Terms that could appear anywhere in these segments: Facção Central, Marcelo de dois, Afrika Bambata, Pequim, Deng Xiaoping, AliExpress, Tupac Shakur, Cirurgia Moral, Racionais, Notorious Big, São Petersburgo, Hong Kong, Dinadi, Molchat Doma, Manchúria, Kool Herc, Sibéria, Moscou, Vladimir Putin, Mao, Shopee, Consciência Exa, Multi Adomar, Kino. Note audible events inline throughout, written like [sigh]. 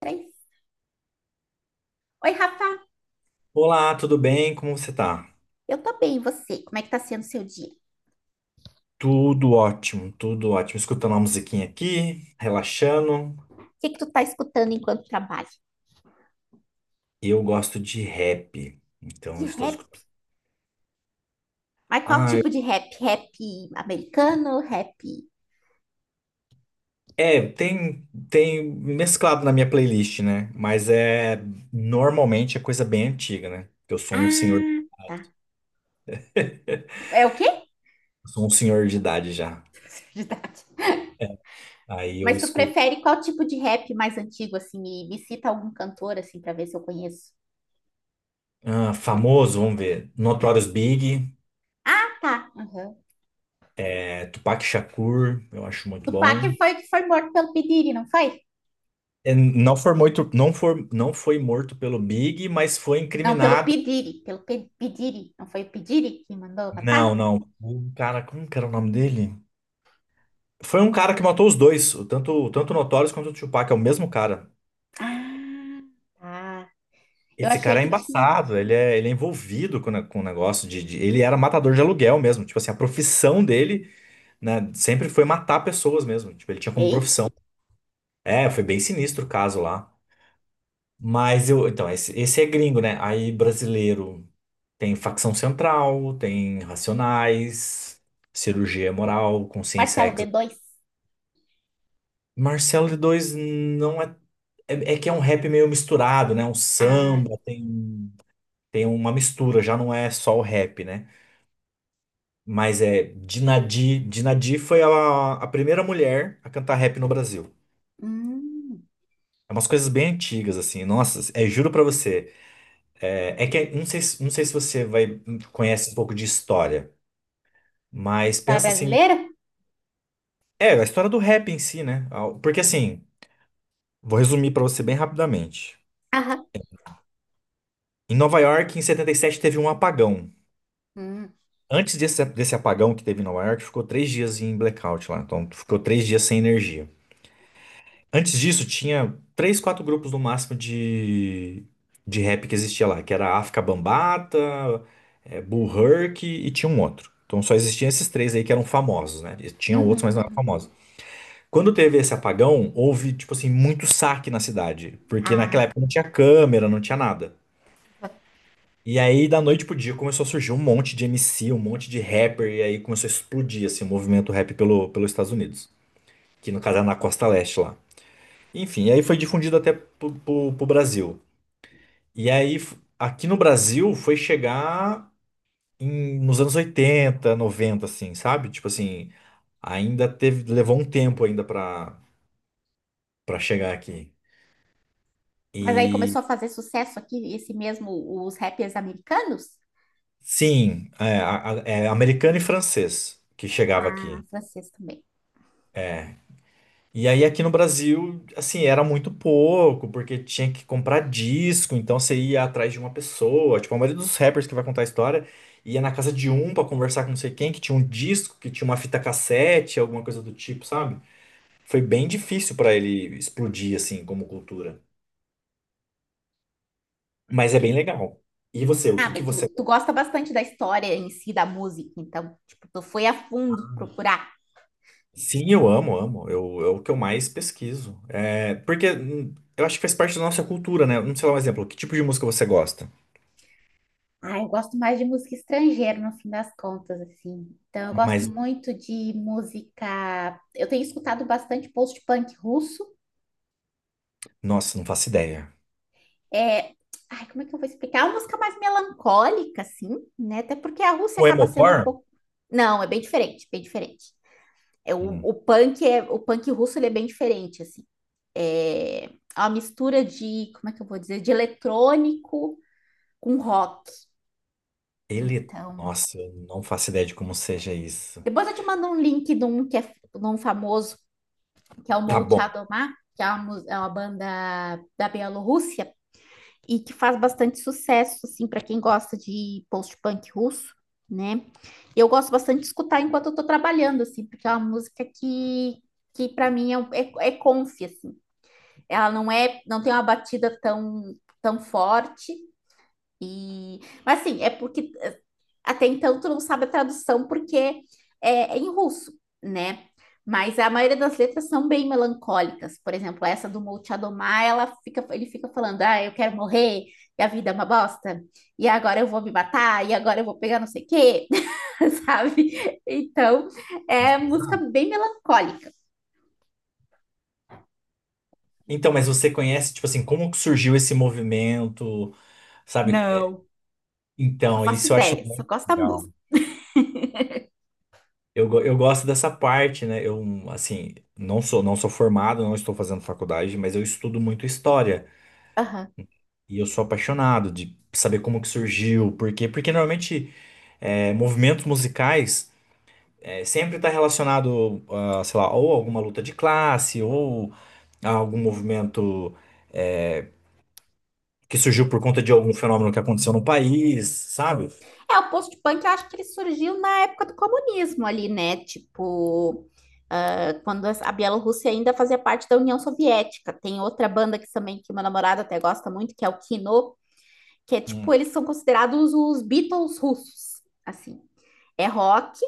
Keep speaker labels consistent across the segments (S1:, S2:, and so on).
S1: Três. Oi, Rafa,
S2: Olá, tudo bem? Como você tá?
S1: eu tô bem, e você? Como é que tá sendo o seu dia?
S2: Tudo ótimo, tudo ótimo. Escutando uma musiquinha aqui, relaxando.
S1: O que que tu tá escutando enquanto trabalha?
S2: Eu gosto de rap, então eu
S1: De
S2: estou
S1: rap?
S2: escutando.
S1: Mas qual
S2: Ah,
S1: tipo de rap? Rap americano, rap.
S2: é, tem mesclado na minha playlist, né? Mas normalmente é coisa bem antiga, né? Eu sou um senhor,
S1: Ah, tá.
S2: [laughs] eu
S1: É o quê?
S2: sou um senhor de idade já.
S1: [laughs] Verdade.
S2: É, aí eu
S1: Mas tu
S2: escuto.
S1: prefere qual tipo de rap mais antigo, assim, e me cita algum cantor, assim, pra ver se eu conheço.
S2: Ah, famoso, vamos ver. Notorious Big,
S1: Ah, tá. Uhum.
S2: é, Tupac Shakur, eu acho muito
S1: Tupac
S2: bom.
S1: foi o que foi morto pelo P. Diddy, não foi?
S2: É, não foi morto, não foi morto pelo Big, mas foi
S1: Não, pelo P.
S2: incriminado.
S1: Diddy, pelo P. Diddy. Não foi o P. Diddy que mandou matar?
S2: Não, não. O cara, como que era o nome dele? Foi um cara que matou os dois, tanto o Notorious quanto o Tupac, é o mesmo cara.
S1: Ah, tá. Eu
S2: Esse
S1: achei
S2: cara é
S1: que tinha.
S2: embaçado, ele é envolvido com o negócio. Ele era matador de aluguel mesmo, tipo assim, a profissão dele, né, sempre foi matar pessoas mesmo, tipo, ele tinha como
S1: Eita.
S2: profissão. É, foi bem sinistro o caso lá. Mas eu. Então, esse é gringo, né? Aí brasileiro tem Facção Central, tem Racionais, Cirurgia Moral, Consciência
S1: Marcelo
S2: Exa.
S1: D2.
S2: Marcelo D2 não é. É, é que é um rap meio misturado, né? Um
S1: Ah,
S2: samba, tem, uma mistura, já não é só o rap, né? Mas é Dinadi. Dinadi foi a primeira mulher a cantar rap no Brasil.
S1: hum.
S2: É umas coisas bem antigas, assim. Nossa, é, juro pra você. É, é que é, não sei se você vai conhece um pouco de história, mas
S1: Para
S2: pensa assim,
S1: brasileiro?
S2: é a história do rap em si, né? Porque assim, vou resumir pra você bem rapidamente.
S1: Aham.
S2: Em Nova York, em 77, teve um apagão.
S1: Hum,
S2: Antes desse apagão que teve em Nova York, ficou 3 dias em blackout lá. Então, ficou 3 dias sem energia. Antes disso, tinha três, quatro grupos no máximo de rap que existia lá, que era África Bambata, Bull Herc e tinha um outro. Então só existiam esses três aí que eram famosos, né? E tinham outros,
S1: uhum,
S2: mas não eram
S1: uhum.
S2: famosos. Quando teve esse apagão, houve, tipo assim, muito saque na cidade, porque
S1: Ah,
S2: naquela época não tinha câmera, não tinha nada. E aí, da noite pro dia, começou a surgir um monte de MC, um monte de rapper, e aí começou a explodir, assim, o movimento rap pelos Estados Unidos, que no caso era na Costa Leste lá. Enfim, aí foi difundido até pro Brasil. E aí, aqui no Brasil, foi chegar nos anos 80 90 assim, sabe? Tipo assim, ainda teve, levou um tempo ainda pra chegar aqui.
S1: mas aí
S2: E
S1: começou a fazer sucesso aqui, esse mesmo, os rappers americanos?
S2: sim, é americano e francês que chegava
S1: Ah,
S2: aqui.
S1: francês também.
S2: E aí aqui no Brasil, assim, era muito pouco, porque tinha que comprar disco, então você ia atrás de uma pessoa. Tipo, a maioria dos rappers que vai contar a história ia na casa de um pra conversar com não sei quem, que tinha um disco, que tinha uma fita cassete, alguma coisa do tipo, sabe? Foi bem difícil pra ele explodir, assim, como cultura. Mas é bem legal. E você, o
S1: Ah,
S2: que que
S1: mas
S2: você...
S1: tu gosta bastante da história em si, da música, então, tipo, tu foi a fundo procurar.
S2: Sim, eu amo, amo. É o que eu mais pesquiso. É, porque eu acho que faz parte da nossa cultura, né? Não sei lá um exemplo, que tipo de música você gosta?
S1: Ah, eu gosto mais de música estrangeira, no fim das contas, assim. Então, eu gosto
S2: Mas
S1: muito de música. Eu tenho escutado bastante post-punk russo.
S2: nossa, não faço ideia.
S1: é, Ai, como é que eu vou explicar? É uma música mais melancólica, assim, né? Até porque a Rússia
S2: O
S1: acaba sendo um
S2: Emocor?
S1: pouco. Não, é bem diferente, bem diferente. É, o,
S2: Hum.
S1: o punk é, o punk russo ele é bem diferente, assim. É é uma mistura de, como é que eu vou dizer, de eletrônico com rock.
S2: Ele.
S1: Então,
S2: Nossa, eu não faço ideia de como seja isso.
S1: depois eu te mando um link de um que é de um famoso, que é o
S2: Tá bom.
S1: Molchat Doma, que é uma banda da Bielorrússia, e que faz bastante sucesso, assim, para quem gosta de post-punk russo, né? Eu gosto bastante de escutar enquanto eu tô trabalhando, assim, porque é uma música que para mim é comfy, assim. Ela não é, não tem uma batida tão, tão forte. E, mas assim, é porque até então, tu não sabe a tradução porque é em russo, né? Mas a maioria das letras são bem melancólicas. Por exemplo, essa do Multi Adomar, ela fica, ele fica falando: ah, eu quero morrer, e a vida é uma bosta, e agora eu vou me matar, e agora eu vou pegar não sei o quê, [laughs] sabe? Então,
S2: Mas
S1: é música
S2: pesado.
S1: bem melancólica.
S2: Então, mas você conhece, tipo assim, como que surgiu esse movimento, sabe? É,
S1: Não, não
S2: então,
S1: faço
S2: isso eu acho
S1: ideia, só
S2: muito
S1: gosto da
S2: legal.
S1: música.
S2: Eu gosto dessa parte, né? Eu, assim, não sou formado, não estou fazendo faculdade, mas eu estudo muito história.
S1: Aham.
S2: E eu sou apaixonado de saber como que surgiu, por quê? Porque normalmente movimentos musicais, sempre está relacionado, a, sei lá, ou alguma luta de classe, ou a algum movimento é, que surgiu por conta de algum fenômeno que aconteceu no país, sabe?
S1: É, o post-punk, eu acho que ele surgiu na época do comunismo ali, né? Tipo, ah, quando a Bielorrússia ainda fazia parte da União Soviética. Tem outra banda que também, que meu namorado até gosta muito, que é o Kino, que é tipo,
S2: Hum,
S1: eles são considerados os Beatles russos, assim. É rock,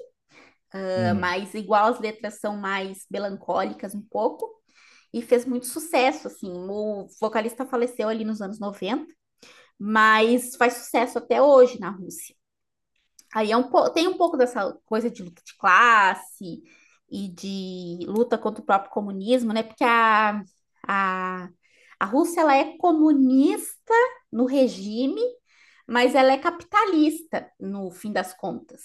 S1: ah,
S2: hum.
S1: mas igual as letras são mais melancólicas um pouco, e fez muito sucesso, assim. O vocalista faleceu ali nos anos 90, mas faz sucesso até hoje na Rússia. Aí é tem um pouco dessa coisa de luta de classe e de luta contra o próprio comunismo, né? Porque a, a Rússia ela é comunista no regime, mas ela é capitalista no fim das contas.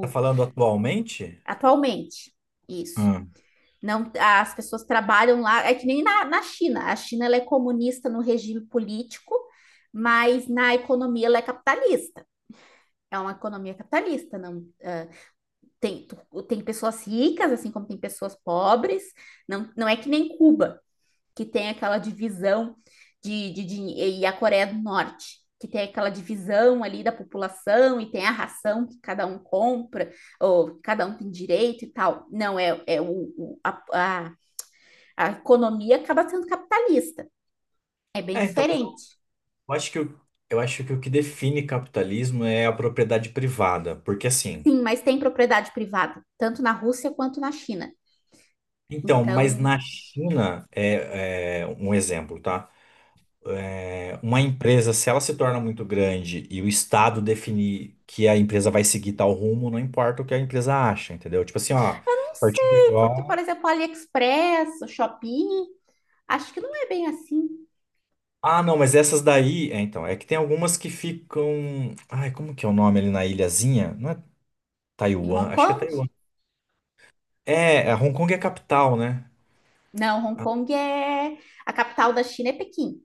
S2: Tá falando atualmente?
S1: atualmente, isso.
S2: Hum.
S1: Não, as pessoas trabalham lá, é que nem na China. A China ela é comunista no regime político, mas na economia ela é capitalista. É uma economia capitalista, não tem, tem pessoas ricas, assim como tem pessoas pobres. Não, não é que nem Cuba, que tem aquela divisão e a Coreia do Norte, que tem aquela divisão ali da população e tem a ração que cada um compra, ou cada um tem direito e tal. Não, o- a, a, a economia acaba sendo capitalista. É bem
S2: É, então, mas
S1: diferente.
S2: acho que o, eu acho que o que define capitalismo é a propriedade privada, porque assim.
S1: Sim, mas tem propriedade privada, tanto na Rússia quanto na China.
S2: Então, mas
S1: Então,
S2: na China, é um exemplo, tá? Uma empresa, se ela se torna muito grande e o Estado definir que a empresa vai seguir tal rumo, não importa o que a empresa acha, entendeu? Tipo assim, ó, a
S1: não
S2: partir de
S1: sei, porque, por
S2: agora.
S1: exemplo, AliExpress, o Shopee, acho que não é bem assim.
S2: Ah, não, mas essas daí. É, então, é que tem algumas que ficam. Ai, como que é o nome ali na ilhazinha? Não é
S1: Em
S2: Taiwan?
S1: Hong
S2: Acho que é
S1: Kong?
S2: Taiwan. É, a Hong Kong é a capital, né?
S1: Não, Hong Kong é. A capital da China é Pequim.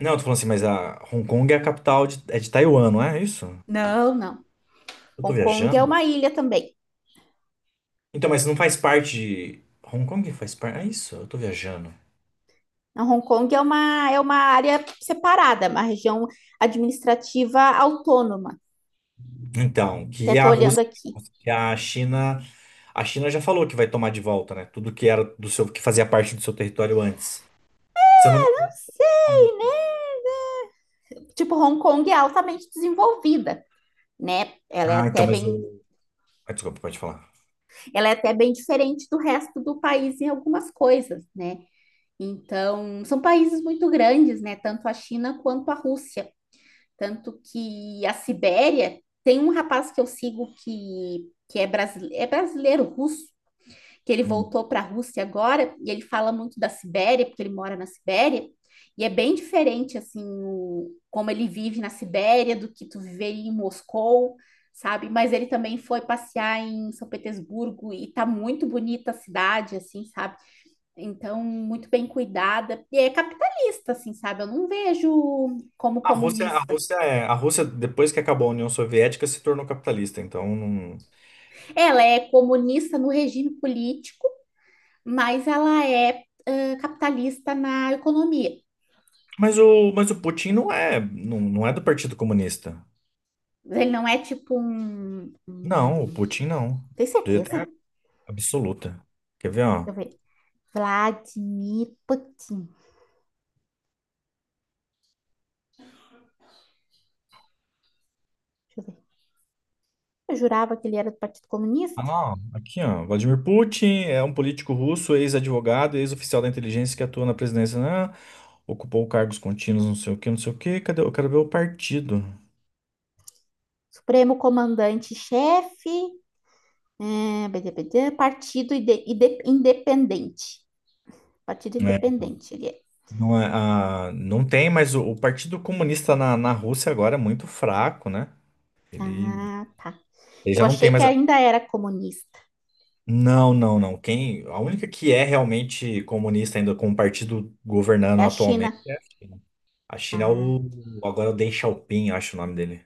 S2: Não, eu tô falando assim, mas a Hong Kong é a capital é de Taiwan, não é isso?
S1: Não, não.
S2: Eu tô
S1: Hong Kong é
S2: viajando?
S1: uma ilha também.
S2: Então, mas não faz parte de. Hong Kong faz parte. É isso? Eu tô viajando.
S1: Não, Hong Kong é uma área separada, uma região administrativa autônoma.
S2: Então,
S1: Até
S2: que
S1: tô
S2: a
S1: olhando
S2: Rússia,
S1: aqui.
S2: que a China já falou que vai tomar de volta, né? Tudo que era do seu, que fazia parte do seu território antes. Se eu não me...
S1: Não
S2: Hum.
S1: sei, né? Tipo, Hong Kong é altamente desenvolvida, né? Ela é
S2: Ah, então,
S1: até
S2: mas
S1: bem,
S2: o... ah, desculpa, pode falar.
S1: ela é até bem diferente do resto do país em algumas coisas, né? Então, são países muito grandes, né? Tanto a China quanto a Rússia. Tanto que a Sibéria tem um rapaz que eu sigo que é brasileiro russo, que ele
S2: Hum.
S1: voltou para a Rússia agora, e ele fala muito da Sibéria, porque ele mora na Sibéria, e é bem diferente assim como ele vive na Sibéria do que tu viver em Moscou, sabe? Mas ele também foi passear em São Petersburgo e tá muito bonita a cidade, assim, sabe? Então, muito bem cuidada. E é capitalista, assim, sabe? Eu não vejo como
S2: A Rússia, a
S1: comunista.
S2: Rússia é, a Rússia, depois que acabou a União Soviética, se tornou capitalista, então não...
S1: Ela é comunista no regime político, mas ela é capitalista na economia.
S2: Mas o Putin não é do Partido Comunista.
S1: Ele não é tipo um.
S2: Não, o
S1: um-
S2: Putin não.
S1: Tem
S2: Deu
S1: certeza?
S2: até
S1: Deixa
S2: absoluta. Quer ver, ó?
S1: eu ver. Vladimir Putin. Deixa eu ver. Eu jurava que ele era do Partido Comunista.
S2: Ah, aqui, ó. Vladimir Putin é um político russo, ex-advogado, ex-oficial da inteligência que atua na presidência, né? Ocupou cargos contínuos, não sei o quê, não sei o quê. Cadê? Eu quero ver o partido.
S1: Supremo Comandante-Chefe. BDBD, partido Independente. Partido
S2: É, então.
S1: Independente ele é.
S2: Não, não tem, mas o Partido Comunista na Rússia agora é muito fraco, né? Ele,
S1: Ah, tá.
S2: ele
S1: Eu
S2: já não tem
S1: achei que
S2: mais.
S1: ainda era comunista.
S2: Não, não, não. A única que é realmente comunista ainda com o partido
S1: É
S2: governando
S1: a China.
S2: atualmente é a China. A China é
S1: Ah,
S2: o. Agora é o Deng Xiaoping, acho o nome dele.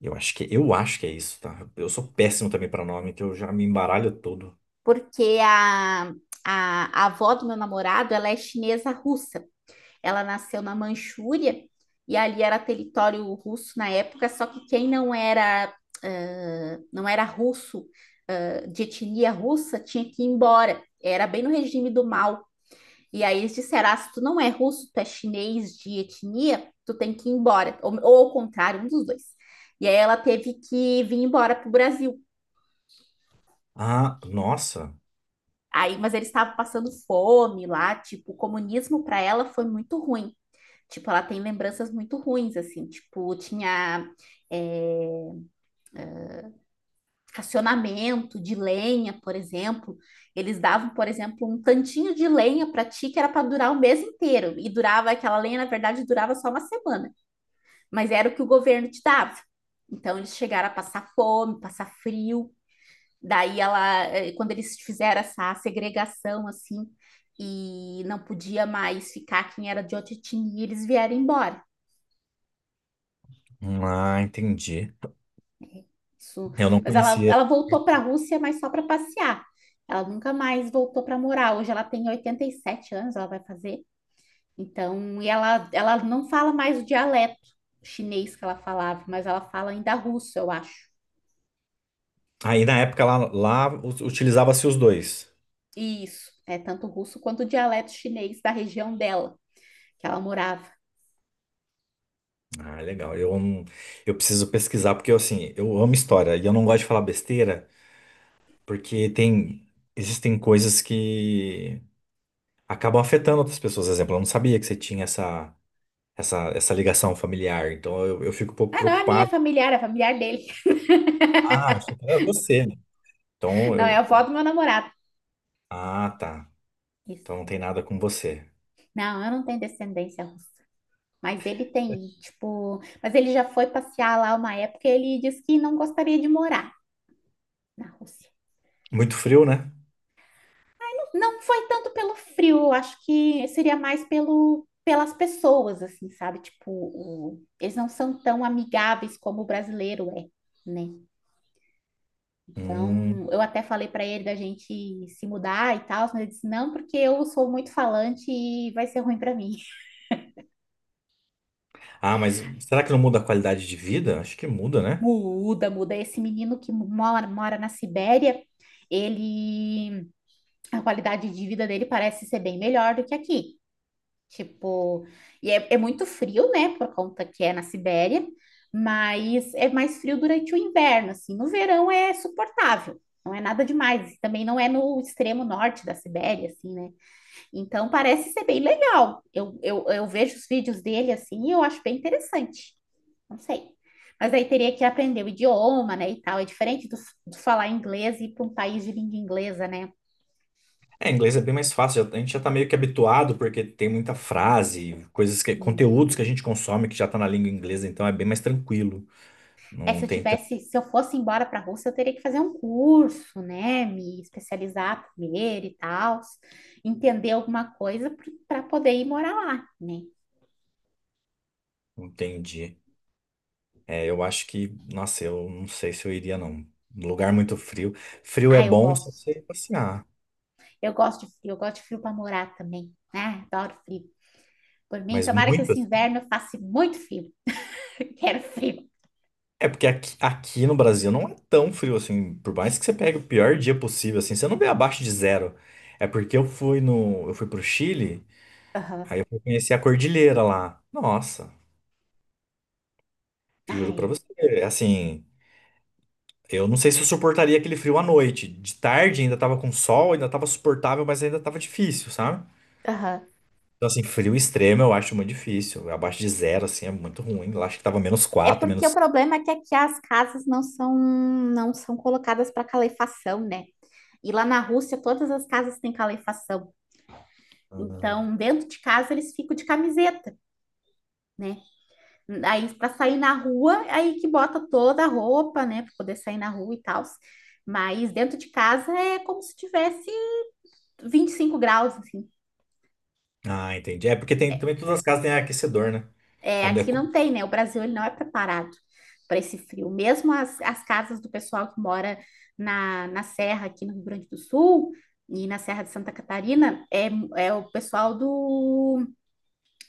S2: Eu acho que é isso, tá? Eu sou péssimo também pra nome, que eu já me embaralho todo.
S1: porque a avó do meu namorado, ela é chinesa russa. Ela nasceu na Manchúria e ali era território russo na época, só que quem não era, ah, não era russo, de etnia russa, tinha que ir embora. Era bem no regime do Mao. E aí eles disseram: ah, se tu não é russo, tu é chinês de etnia, tu tem que ir embora. Ou ao contrário, um dos dois. E aí ela teve que vir embora pro Brasil.
S2: Ah, nossa.
S1: Aí, mas eles estavam passando fome lá, tipo, o comunismo para ela foi muito ruim. Tipo, ela tem lembranças muito ruins, assim, tipo, tinha é, racionamento de lenha, por exemplo. Eles davam, por exemplo, um tantinho de lenha para ti que era para durar o mês inteiro. E durava, aquela lenha, na verdade, durava só uma semana. Mas era o que o governo te dava. Então eles chegaram a passar fome, passar frio. Daí ela, quando eles fizeram essa segregação assim, e não podia mais ficar quem era de outra etnia, eles vieram embora.
S2: Ah, entendi.
S1: Isso,
S2: Eu não
S1: mas ela,
S2: conhecia.
S1: ela voltou para a Rússia, mas só para passear. Ela nunca mais voltou para morar. Hoje ela tem 87 anos, ela vai fazer. Então, e ela não fala mais o dialeto chinês que ela falava, mas ela fala ainda russo, eu acho.
S2: Aí na época lá, utilizava-se os dois.
S1: Isso, é tanto russo quanto o dialeto chinês da região dela, que ela morava.
S2: Ah, legal. Eu, não- eu preciso pesquisar, porque eu, assim, eu amo história e eu não gosto de falar besteira, porque existem coisas que acabam afetando outras pessoas. Por exemplo, eu não sabia que você tinha essa ligação familiar, então eu fico um pouco
S1: Ah, não é minha
S2: preocupado.
S1: familiar, é familiar dele.
S2: Ah, achei que era você, né? Então
S1: [laughs] Não, é a
S2: eu.
S1: avó do meu namorado.
S2: Ah, tá.
S1: Isso.
S2: Então não tem nada com você.
S1: Não, eu não tenho descendência russa. Mas ele tem, tipo. Mas ele já foi passear lá uma época e ele disse que não gostaria de morar na Rússia.
S2: Muito frio, né?
S1: Não foi tanto pelo frio, eu acho que seria mais pelo, pelas pessoas, assim, sabe? Tipo, eles não são tão amigáveis como o brasileiro é, né? Então,
S2: Hum.
S1: eu até falei para ele da gente se mudar e tal, mas ele disse não, porque eu sou muito falante e vai ser ruim para mim. [laughs]
S2: Ah, mas será que não muda a qualidade de vida? Acho que muda, né?
S1: Muda, muda. Esse menino que mora na Sibéria, ele, a qualidade de vida dele parece ser bem melhor do que aqui. Tipo, e é muito frio, né, por conta que é na Sibéria, mas é mais frio durante o inverno, assim. No verão é suportável, não é nada demais. Também não é no extremo norte da Sibéria, assim, né? Então parece ser bem legal. Eu vejo os vídeos dele assim e eu acho bem interessante. Não sei. Mas aí teria que aprender o idioma, né, e tal. É diferente do falar inglês e ir para um país de língua inglesa, né?
S2: É, inglês é bem mais fácil. A gente já tá meio que habituado porque tem muita frase,
S1: Hum.
S2: conteúdos que a gente consome que já tá na língua inglesa, então é bem mais tranquilo.
S1: É,
S2: Não tem tanto.
S1: se eu fosse embora para a Rússia, eu teria que fazer um curso, né? Me especializar primeiro e tal, entender alguma coisa para poder ir morar lá, né?
S2: Entendi. É, eu acho que, nossa, eu não sei se eu iria, não. Lugar muito frio. Frio é
S1: Ah, eu
S2: bom só pra você
S1: gosto.
S2: ir passear,
S1: Eu gosto de frio, eu gosto de frio para morar também. Né, adoro frio. Por mim,
S2: mas
S1: tomara que
S2: muito.
S1: esse inverno eu faça muito frio. [laughs] Quero frio.
S2: É porque aqui no Brasil não é tão frio assim. Por mais que você pegue o pior dia possível, assim, você não vê abaixo de zero. É porque eu fui no, eu fui pro Chile,
S1: Aham.
S2: aí eu fui conhecer a cordilheira lá. Nossa,
S1: Ah,
S2: juro pra
S1: é.
S2: você, assim, eu não sei se eu suportaria aquele frio à noite. De tarde ainda tava com sol, ainda tava suportável, mas ainda tava difícil, sabe?
S1: Aham.
S2: Então, assim, frio extremo eu acho muito difícil. Abaixo de zero, assim, é muito ruim. Eu acho que tava menos
S1: É
S2: quatro,
S1: porque o
S2: menos.
S1: problema é que aqui as casas não são colocadas para calefação, né? E lá na Rússia todas as casas têm calefação. Então, dentro de casa eles ficam de camiseta, né? Aí para sair na rua, aí que bota toda a roupa, né, para poder sair na rua e tal. Mas dentro de casa é como se tivesse 25 graus, assim.
S2: Ah, entendi. É porque também todas as casas têm aquecedor, né?
S1: É,
S2: É, é.
S1: aqui não tem, né? O Brasil ele não é preparado para esse frio. Mesmo as casas do pessoal que mora na Serra, aqui no Rio Grande do Sul, e na Serra de Santa Catarina, é o pessoal do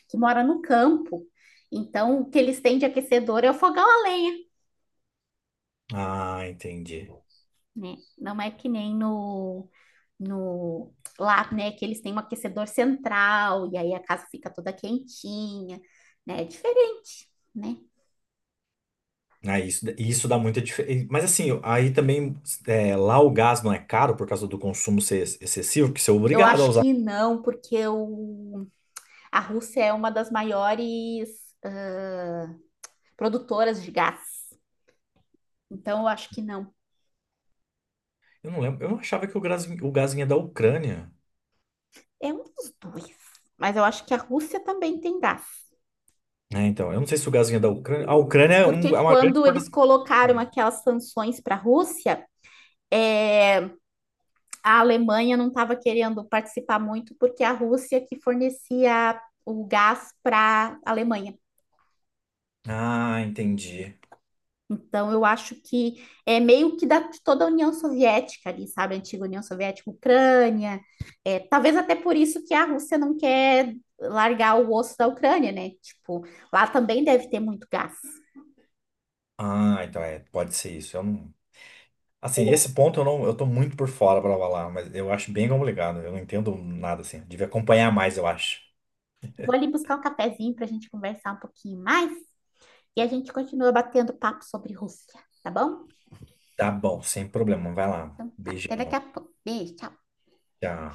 S1: que mora no campo. Então, o que eles têm de aquecedor é o fogão a lenha,
S2: Ah, entendi.
S1: né? Não é que nem no lá, né? Que eles têm um aquecedor central, e aí a casa fica toda quentinha, né? É diferente, né?
S2: Ah, isso dá muita diferença. Mas assim, aí também lá o gás não é caro por causa do consumo ser excessivo, porque você é
S1: Eu
S2: obrigado a
S1: acho
S2: usar.
S1: que não, porque o A Rússia é uma das maiores ah, produtoras de gás. Então, eu acho que não.
S2: Eu não lembro, eu não achava que o gás vinha da Ucrânia.
S1: É um dos dois. Mas eu acho que a Rússia também tem gás.
S2: Né? Então, eu não sei se o gás vinha da Ucrânia. A Ucrânia é
S1: Porque
S2: uma grande
S1: quando eles
S2: exportadora de
S1: colocaram
S2: coisa.
S1: aquelas sanções para a Rússia, é, a Alemanha não estava querendo participar muito, porque a Rússia que fornecia o gás para a Alemanha.
S2: Ah, entendi.
S1: Então, eu acho que é meio que de toda a União Soviética ali, sabe? A antiga União Soviética, Ucrânia. É, talvez até por isso que a Rússia não quer largar o osso da Ucrânia, né? Tipo, lá também deve ter muito gás.
S2: Ah, então pode ser isso. Eu não... Assim, esse ponto eu não, eu tô muito por fora pra falar, mas eu acho bem complicado. Eu não entendo nada assim. Devia acompanhar mais, eu acho.
S1: Eu vou ali buscar um cafezinho para a gente conversar um pouquinho mais e a gente continua batendo papo sobre Rússia, tá bom?
S2: Tá bom, sem problema. Vai lá.
S1: Então tá, até daqui a
S2: Beijão.
S1: pouco. Beijo, tchau.
S2: Tchau.